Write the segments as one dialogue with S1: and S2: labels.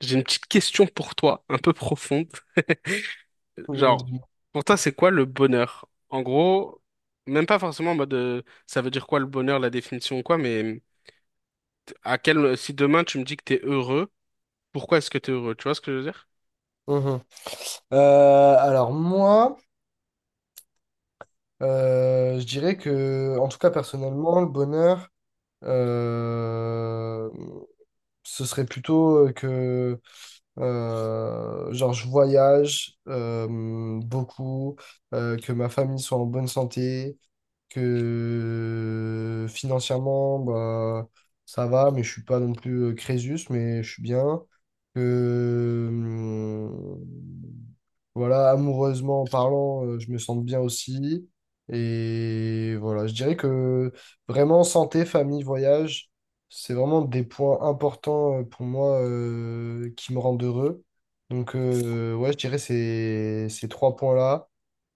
S1: J'ai une petite question pour toi, un peu profonde. Genre,
S2: Mhm.
S1: pour toi, c'est quoi le bonheur? En gros, même pas forcément en mode ça veut dire quoi le bonheur, la définition ou quoi, mais à quel si demain tu me dis que t'es heureux, pourquoi est-ce que t'es heureux? Tu vois ce que je veux dire?
S2: Mhm. Alors moi, je dirais que, en tout cas personnellement, le bonheur, euh, ce serait plutôt que, genre, je voyage beaucoup, que ma famille soit en bonne santé, que financièrement, bah, ça va, mais je suis pas non plus Crésus, mais je suis bien, que voilà, amoureusement parlant, je me sens bien aussi. Et voilà, je dirais que vraiment santé, famille, voyage, c'est vraiment des points importants pour moi qui me rendent heureux. Donc ouais, je dirais ces trois points-là.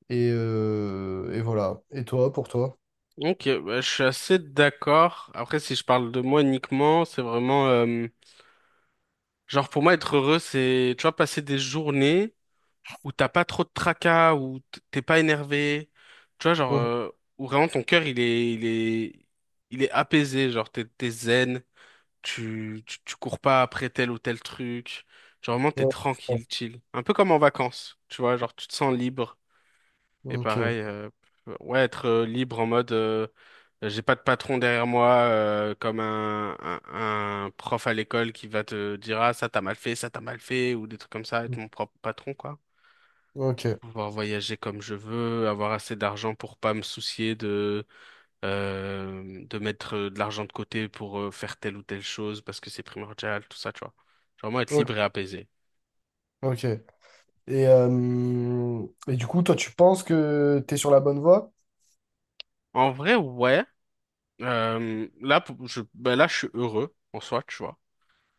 S2: Et voilà. Et toi, pour toi?
S1: Ok, bah, je suis assez d'accord. Après, si je parle de moi uniquement, c'est vraiment genre pour moi être heureux, c'est tu vois passer des journées Où t'as pas trop de tracas, où t'es pas énervé, tu vois, genre,
S2: Mhm.
S1: euh, où vraiment ton cœur, il est apaisé, genre, t'es zen, tu cours pas après tel ou tel truc, genre, vraiment, t'es
S2: Ouais.
S1: tranquille, chill. Un peu comme en vacances, tu vois, genre, tu te sens libre, et
S2: Ok.
S1: pareil, ouais, être libre en mode, j'ai pas de patron derrière moi, comme un prof à l'école qui va te dire, ah, ça t'as mal fait, ça t'as mal fait, ou des trucs comme ça, être mon propre patron, quoi.
S2: Ok.
S1: Pouvoir voyager comme je veux, avoir assez d'argent pour pas me soucier de mettre de l'argent de côté pour faire telle ou telle chose parce que c'est primordial, tout ça, tu vois. Genre vraiment être
S2: Ok.
S1: libre et apaisé.
S2: Ok. Et du coup, toi, tu penses que tu es sur la bonne voie?
S1: En vrai, ouais. Là, ben là, je suis heureux en soi, tu vois.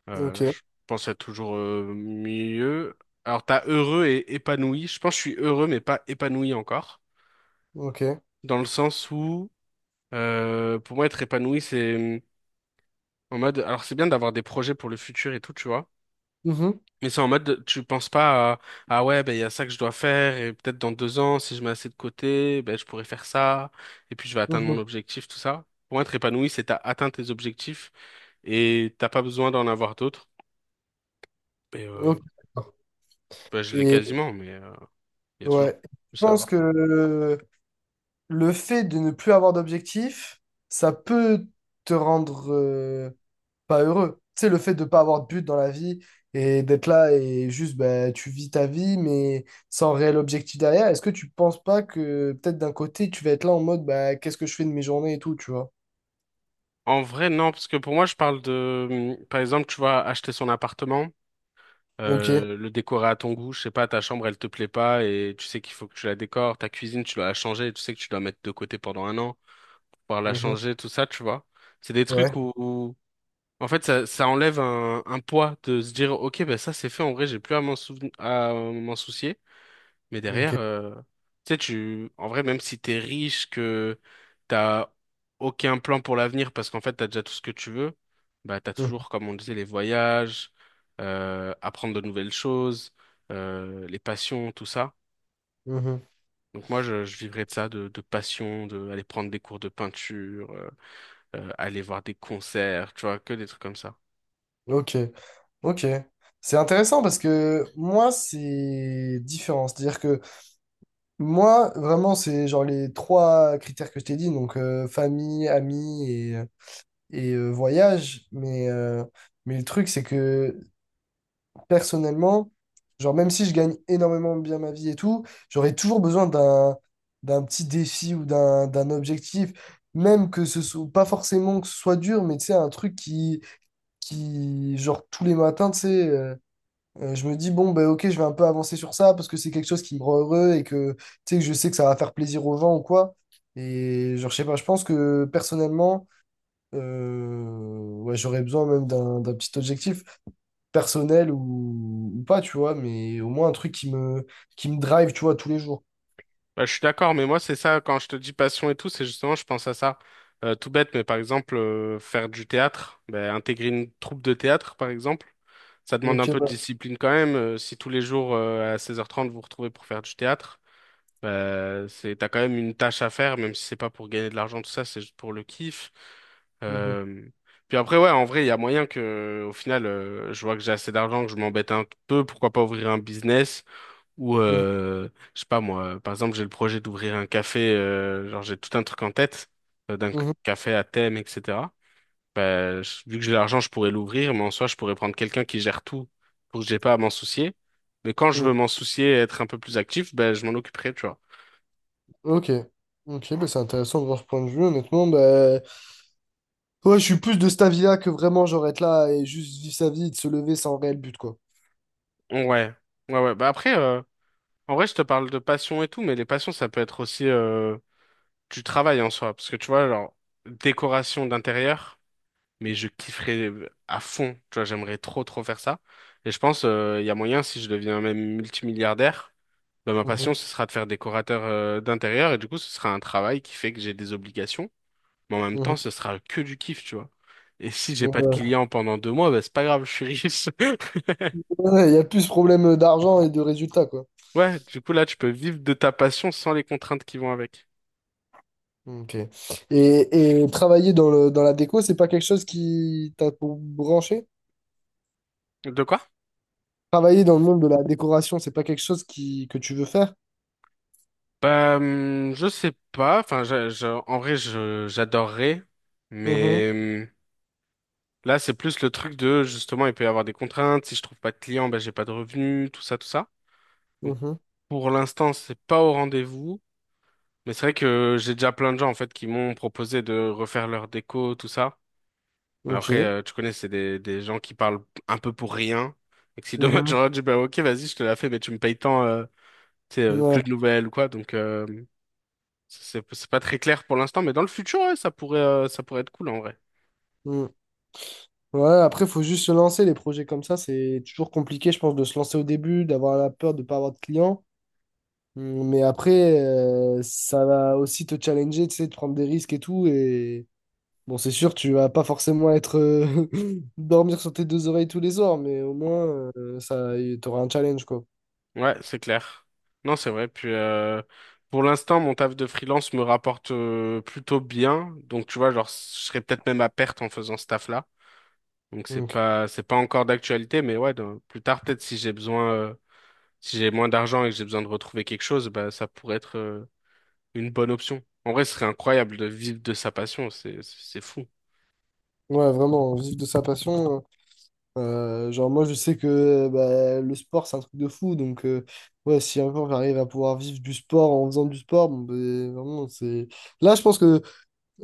S2: Ok.
S1: Je pense être toujours mieux. Alors, t'as heureux et épanoui. Je pense que je suis heureux, mais pas épanoui encore.
S2: Ok.
S1: Dans le sens où, pour moi, être épanoui, c'est en mode, alors c'est bien d'avoir des projets pour le futur et tout, tu vois.
S2: Mhm.
S1: Mais c'est en mode, tu penses pas à, ah ouais, ben il y a ça que je dois faire et peut-être dans 2 ans, si je mets assez de côté, ben je pourrais faire ça et puis je vais atteindre mon
S2: Mhm.
S1: objectif, tout ça. Pour être épanoui, c'est t'as atteint tes objectifs et t'as pas besoin d'en avoir d'autres. Et
S2: Ok, d'accord.
S1: ben, je l'ai
S2: Et
S1: quasiment, mais il y a toujours
S2: ouais, je
S1: plus à
S2: pense
S1: avoir.
S2: que le fait de ne plus avoir d'objectif, ça peut te rendre pas heureux. Tu sais, le fait de pas avoir de but dans la vie et d'être là et juste ben, tu vis ta vie, mais sans réel objectif derrière, est-ce que tu penses pas que peut-être d'un côté tu vas être là en mode bah, qu'est-ce que je fais de mes journées et tout, tu vois?
S1: En vrai, non, parce que pour moi, je parle de, par exemple, tu vas acheter son appartement,
S2: Ok.
S1: le décorer à ton goût, je sais pas, ta chambre, elle te plaît pas et tu sais qu'il faut que tu la décores, ta cuisine, tu dois la changer, tu sais que tu dois mettre de côté pendant un an. Pouvoir la
S2: Mhm.
S1: changer, tout ça, tu vois. C'est des
S2: Ouais.
S1: trucs où, en fait, ça enlève un poids de se dire, ok, ben ça c'est fait, en vrai, j'ai plus à m'en à m'en soucier. Mais derrière,
S2: Ok.
S1: tu sais, tu, en vrai, même si t'es riche, que t'as aucun plan pour l'avenir parce qu'en fait, t'as déjà tout ce que tu veux, bah, t'as
S2: Mhm.
S1: toujours, comme on disait, les voyages, apprendre de nouvelles choses, les passions, tout ça.
S2: Mhm.
S1: Donc moi, je vivrais de ça, de passion, de aller prendre des cours de peinture, aller voir des concerts, tu vois, que des trucs comme ça.
S2: Ok, ok. C'est intéressant parce que moi, c'est différent. C'est-à-dire que moi, vraiment, c'est genre les trois critères que je t'ai dit, donc famille, amis et voyage. Mais le truc, c'est que personnellement, genre même si je gagne énormément bien ma vie et tout, j'aurais toujours besoin d'un petit défi ou d'un objectif, même que ce soit pas forcément que ce soit dur, mais tu sais, un truc qui genre tous les matins, tu sais. Je me dis, bon, ben, ok, je vais un peu avancer sur ça parce que c'est quelque chose qui me rend heureux et que, tu sais, que je sais que ça va faire plaisir aux gens ou quoi. Et genre, je sais pas, je pense que personnellement, euh, ouais, j'aurais besoin même d'un petit objectif personnel ou pas, tu vois, mais au moins un truc qui me drive, tu vois, tous les jours.
S1: Bah, je suis d'accord, mais moi, c'est ça, quand je te dis passion et tout, c'est justement, je pense à ça. Tout bête, mais par exemple, faire du théâtre, bah, intégrer une troupe de théâtre, par exemple, ça demande un
S2: Ok,
S1: peu de
S2: bah,
S1: discipline quand même. Si tous les jours, à 16h30 vous vous retrouvez pour faire du théâtre, c'est, t'as quand même une tâche à faire, même si c'est pas pour gagner de l'argent, tout ça, c'est juste pour le kiff.
S2: mhm,
S1: Euh, Puis après, ouais, en vrai, il y a moyen que, au final, je vois que j'ai assez d'argent, que je m'embête un peu, pourquoi pas ouvrir un business ou,
S2: mhm,
S1: je sais pas moi, par exemple, j'ai le projet d'ouvrir un café, genre j'ai tout un truc en tête, d'un
S2: mhm,
S1: café à thème, etc. Vu que j'ai l'argent, je pourrais l'ouvrir, mais en soi, je pourrais prendre quelqu'un qui gère tout pour que j'ai pas à m'en soucier. Mais quand je
S2: mhm.
S1: veux m'en soucier, être un peu plus actif, ben je m'en occuperai, tu vois.
S2: Ok, ok, bah, c'est intéressant de voir ce point de vue, honnêtement. Bah, ouais, je suis plus de cet avis-là que vraiment, genre, être là et juste vivre sa vie et de se lever sans réel but, quoi.
S1: Ouais, ouais, ouais. Bah après, en vrai, je te parle de passion et tout, mais les passions, ça peut être aussi du travail en soi. Parce que tu vois, genre, décoration d'intérieur, mais je kifferais à fond. Tu vois, j'aimerais trop, trop faire ça. Et je pense, il y a moyen, si je deviens même multimilliardaire, bah, ma
S2: Mmh.
S1: passion, ce sera de faire décorateur d'intérieur. Et du coup, ce sera un travail qui fait que j'ai des obligations. Mais en même
S2: Mhm.
S1: temps, ce sera que du kiff, tu vois. Et si j'ai
S2: Ouais,
S1: pas de
S2: ouais,
S1: clients pendant 2 mois, bah, c'est pas grave, je suis riche.
S2: il y a plus problème d'argent et de résultats, quoi.
S1: Ouais, du coup là tu peux vivre de ta passion sans les contraintes qui vont avec.
S2: Ok. Et travailler dans dans la déco, c'est pas quelque chose qui t'a pour branché?
S1: De quoi?
S2: Travailler dans le monde de la décoration, c'est pas quelque chose que tu veux faire?
S1: Bah, je sais pas. Enfin, en vrai, je, j'adorerais.
S2: Mhm,
S1: Mais là, c'est plus le truc de, justement, il peut y avoir des contraintes. Si je trouve pas de clients, bah, j'ai pas de revenus, tout ça, tout ça. Donc,
S2: mhm.
S1: pour l'instant, c'est pas au rendez-vous. Mais c'est vrai que j'ai déjà plein de gens, en fait, qui m'ont proposé de refaire leur déco, tout ça. Mais après,
S2: Ok.
S1: tu connais, c'est des gens qui parlent un peu pour rien. Et que si demain,
S2: Mhm.
S1: j'aurais dit, bah, ok, vas-y, je te la fais, mais tu me payes tant, c'est
S2: Ouais.
S1: plus de nouvelles ou quoi. Donc c'est pas très clair pour l'instant, mais dans le futur, ouais, ça pourrait être cool en vrai.
S2: Mm. Ouais, après, il faut juste se lancer. Les projets comme ça, c'est toujours compliqué, je pense, de se lancer au début, d'avoir la peur de ne pas avoir de clients. Mm, mais après, ça va aussi te challenger, tu sais, de prendre des risques et tout. Et bon, c'est sûr, tu vas pas forcément être dormir sur tes deux oreilles tous les soirs, mais au moins t'auras un challenge quoi.
S1: Ouais, c'est clair. Non, c'est vrai. Puis pour l'instant, mon taf de freelance me rapporte plutôt bien. Donc tu vois, genre je serais peut-être même à perte en faisant ce taf-là. Donc c'est
S2: Donc,
S1: pas c'est pas encore d'actualité, mais ouais, dans- plus tard peut-être si j'ai besoin si j'ai moins d'argent et que j'ai besoin de retrouver quelque chose, bah ça pourrait être une bonne option. En vrai, ce serait incroyable de vivre de sa passion, c'est fou.
S2: ouais, vraiment, vivre de sa passion. Genre moi, je sais que bah, le sport c'est un truc de fou, donc ouais, si un jour j'arrive à pouvoir vivre du sport en faisant du sport, bon, ben, vraiment c'est. Là, je pense que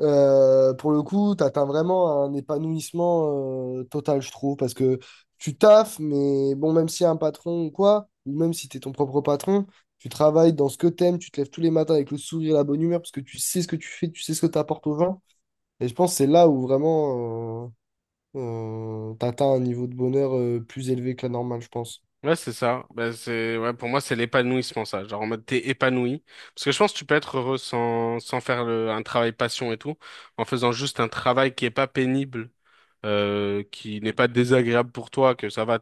S2: Pour le coup, tu atteins vraiment un épanouissement total, je trouve, parce que tu taffes, mais bon, même si y a un patron ou quoi, ou même si tu es ton propre patron, tu travailles dans ce que t'aimes, tu te lèves tous les matins avec le sourire et la bonne humeur, parce que tu sais ce que tu fais, tu sais ce que tu apportes aux gens. Et je pense que c'est là où vraiment tu atteins un niveau de bonheur plus élevé que la normale, je pense.
S1: Ouais, c'est ça. Bah, c'est, ouais, pour moi, c'est l'épanouissement, ça. Genre, en mode, t'es épanoui. Parce que je pense que tu peux être heureux sans faire un travail passion et tout, en faisant juste un travail qui est pas pénible, qui n'est pas désagréable pour toi, que ça va,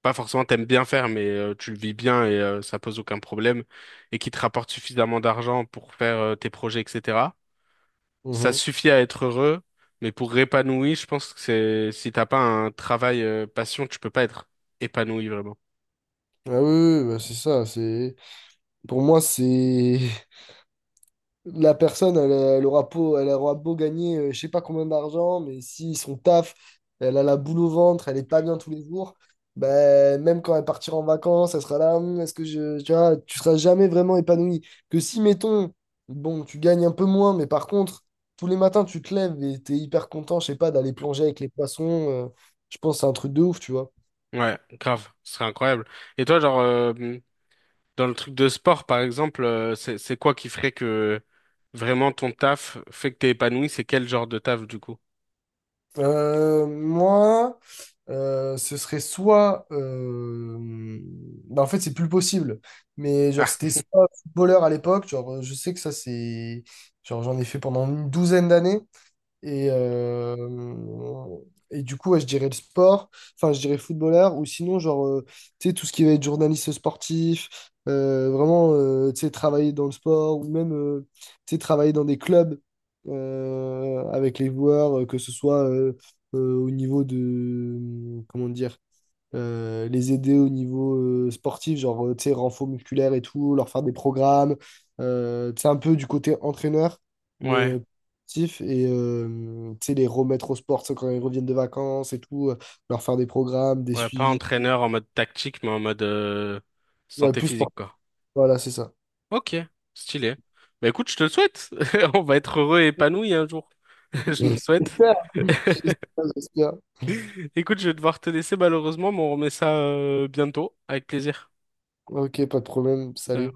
S1: pas forcément t'aimes bien faire, mais tu le vis bien et ça pose aucun problème, et qui te rapporte suffisamment d'argent pour faire tes projets, etc. Ça
S2: Mhm.
S1: suffit à être heureux, mais pour épanoui, je pense que c'est, si t'as pas un travail passion, tu peux pas être épanoui vraiment.
S2: Ah oui, oui, oui, bah c'est ça. C'est… Pour moi, c'est… la personne, elle aura beau gagner, je sais pas combien d'argent, mais si son taf, elle a la boule au ventre, elle est pas bien tous les jours, ben, même quand elle partira en vacances, elle sera là, hum, est-ce que tu vois, tu seras jamais vraiment épanoui. Que si, mettons, bon, tu gagnes un peu moins, mais par contre, tous les matins, tu te lèves et t'es hyper content, je sais pas, d'aller plonger avec les poissons, je pense que c'est un truc de ouf, tu vois.
S1: Ouais, grave, ce serait incroyable. Et toi, genre, dans le truc de sport, par exemple, c'est quoi qui ferait que vraiment ton taf fait que t'es épanoui? C'est quel genre de taf, du coup?
S2: Moi, ce serait soit. Bah, en fait, c'est plus possible. Mais genre,
S1: Ah,
S2: c'était soit footballeur à l'époque. Genre, je sais que ça, c'est. Genre, j'en ai fait pendant 12 années. Et, euh, et du coup, ouais, je dirais le sport, enfin, je dirais footballeur, ou sinon, genre, tu sais, tout ce qui va être journaliste sportif, vraiment, tu sais, travailler dans le sport, ou même, tu sais, travailler dans des clubs avec les joueurs, que ce soit au niveau de, comment dire, les aider au niveau sportif, genre, tu sais, renfort musculaire et tout, leur faire des programmes, tu sais, un peu du côté entraîneur, mais
S1: ouais,
S2: euh, sportif, et tu sais, les remettre au sport, tu sais, quand ils reviennent de vacances et tout, leur faire des programmes, des
S1: ouais, pas
S2: suivis.
S1: entraîneur en mode tactique, mais en mode
S2: Ouais,
S1: santé
S2: plus
S1: physique,
S2: sportif,
S1: quoi.
S2: voilà, c'est ça.
S1: Ok, stylé. Bah écoute, je te le souhaite. On va être heureux et épanoui un jour. Je nous le souhaite.
S2: Super. J'espère, j'espère.
S1: Écoute, je vais devoir te laisser malheureusement, mais on remet ça bientôt, avec plaisir.
S2: Ok, pas de problème, salut.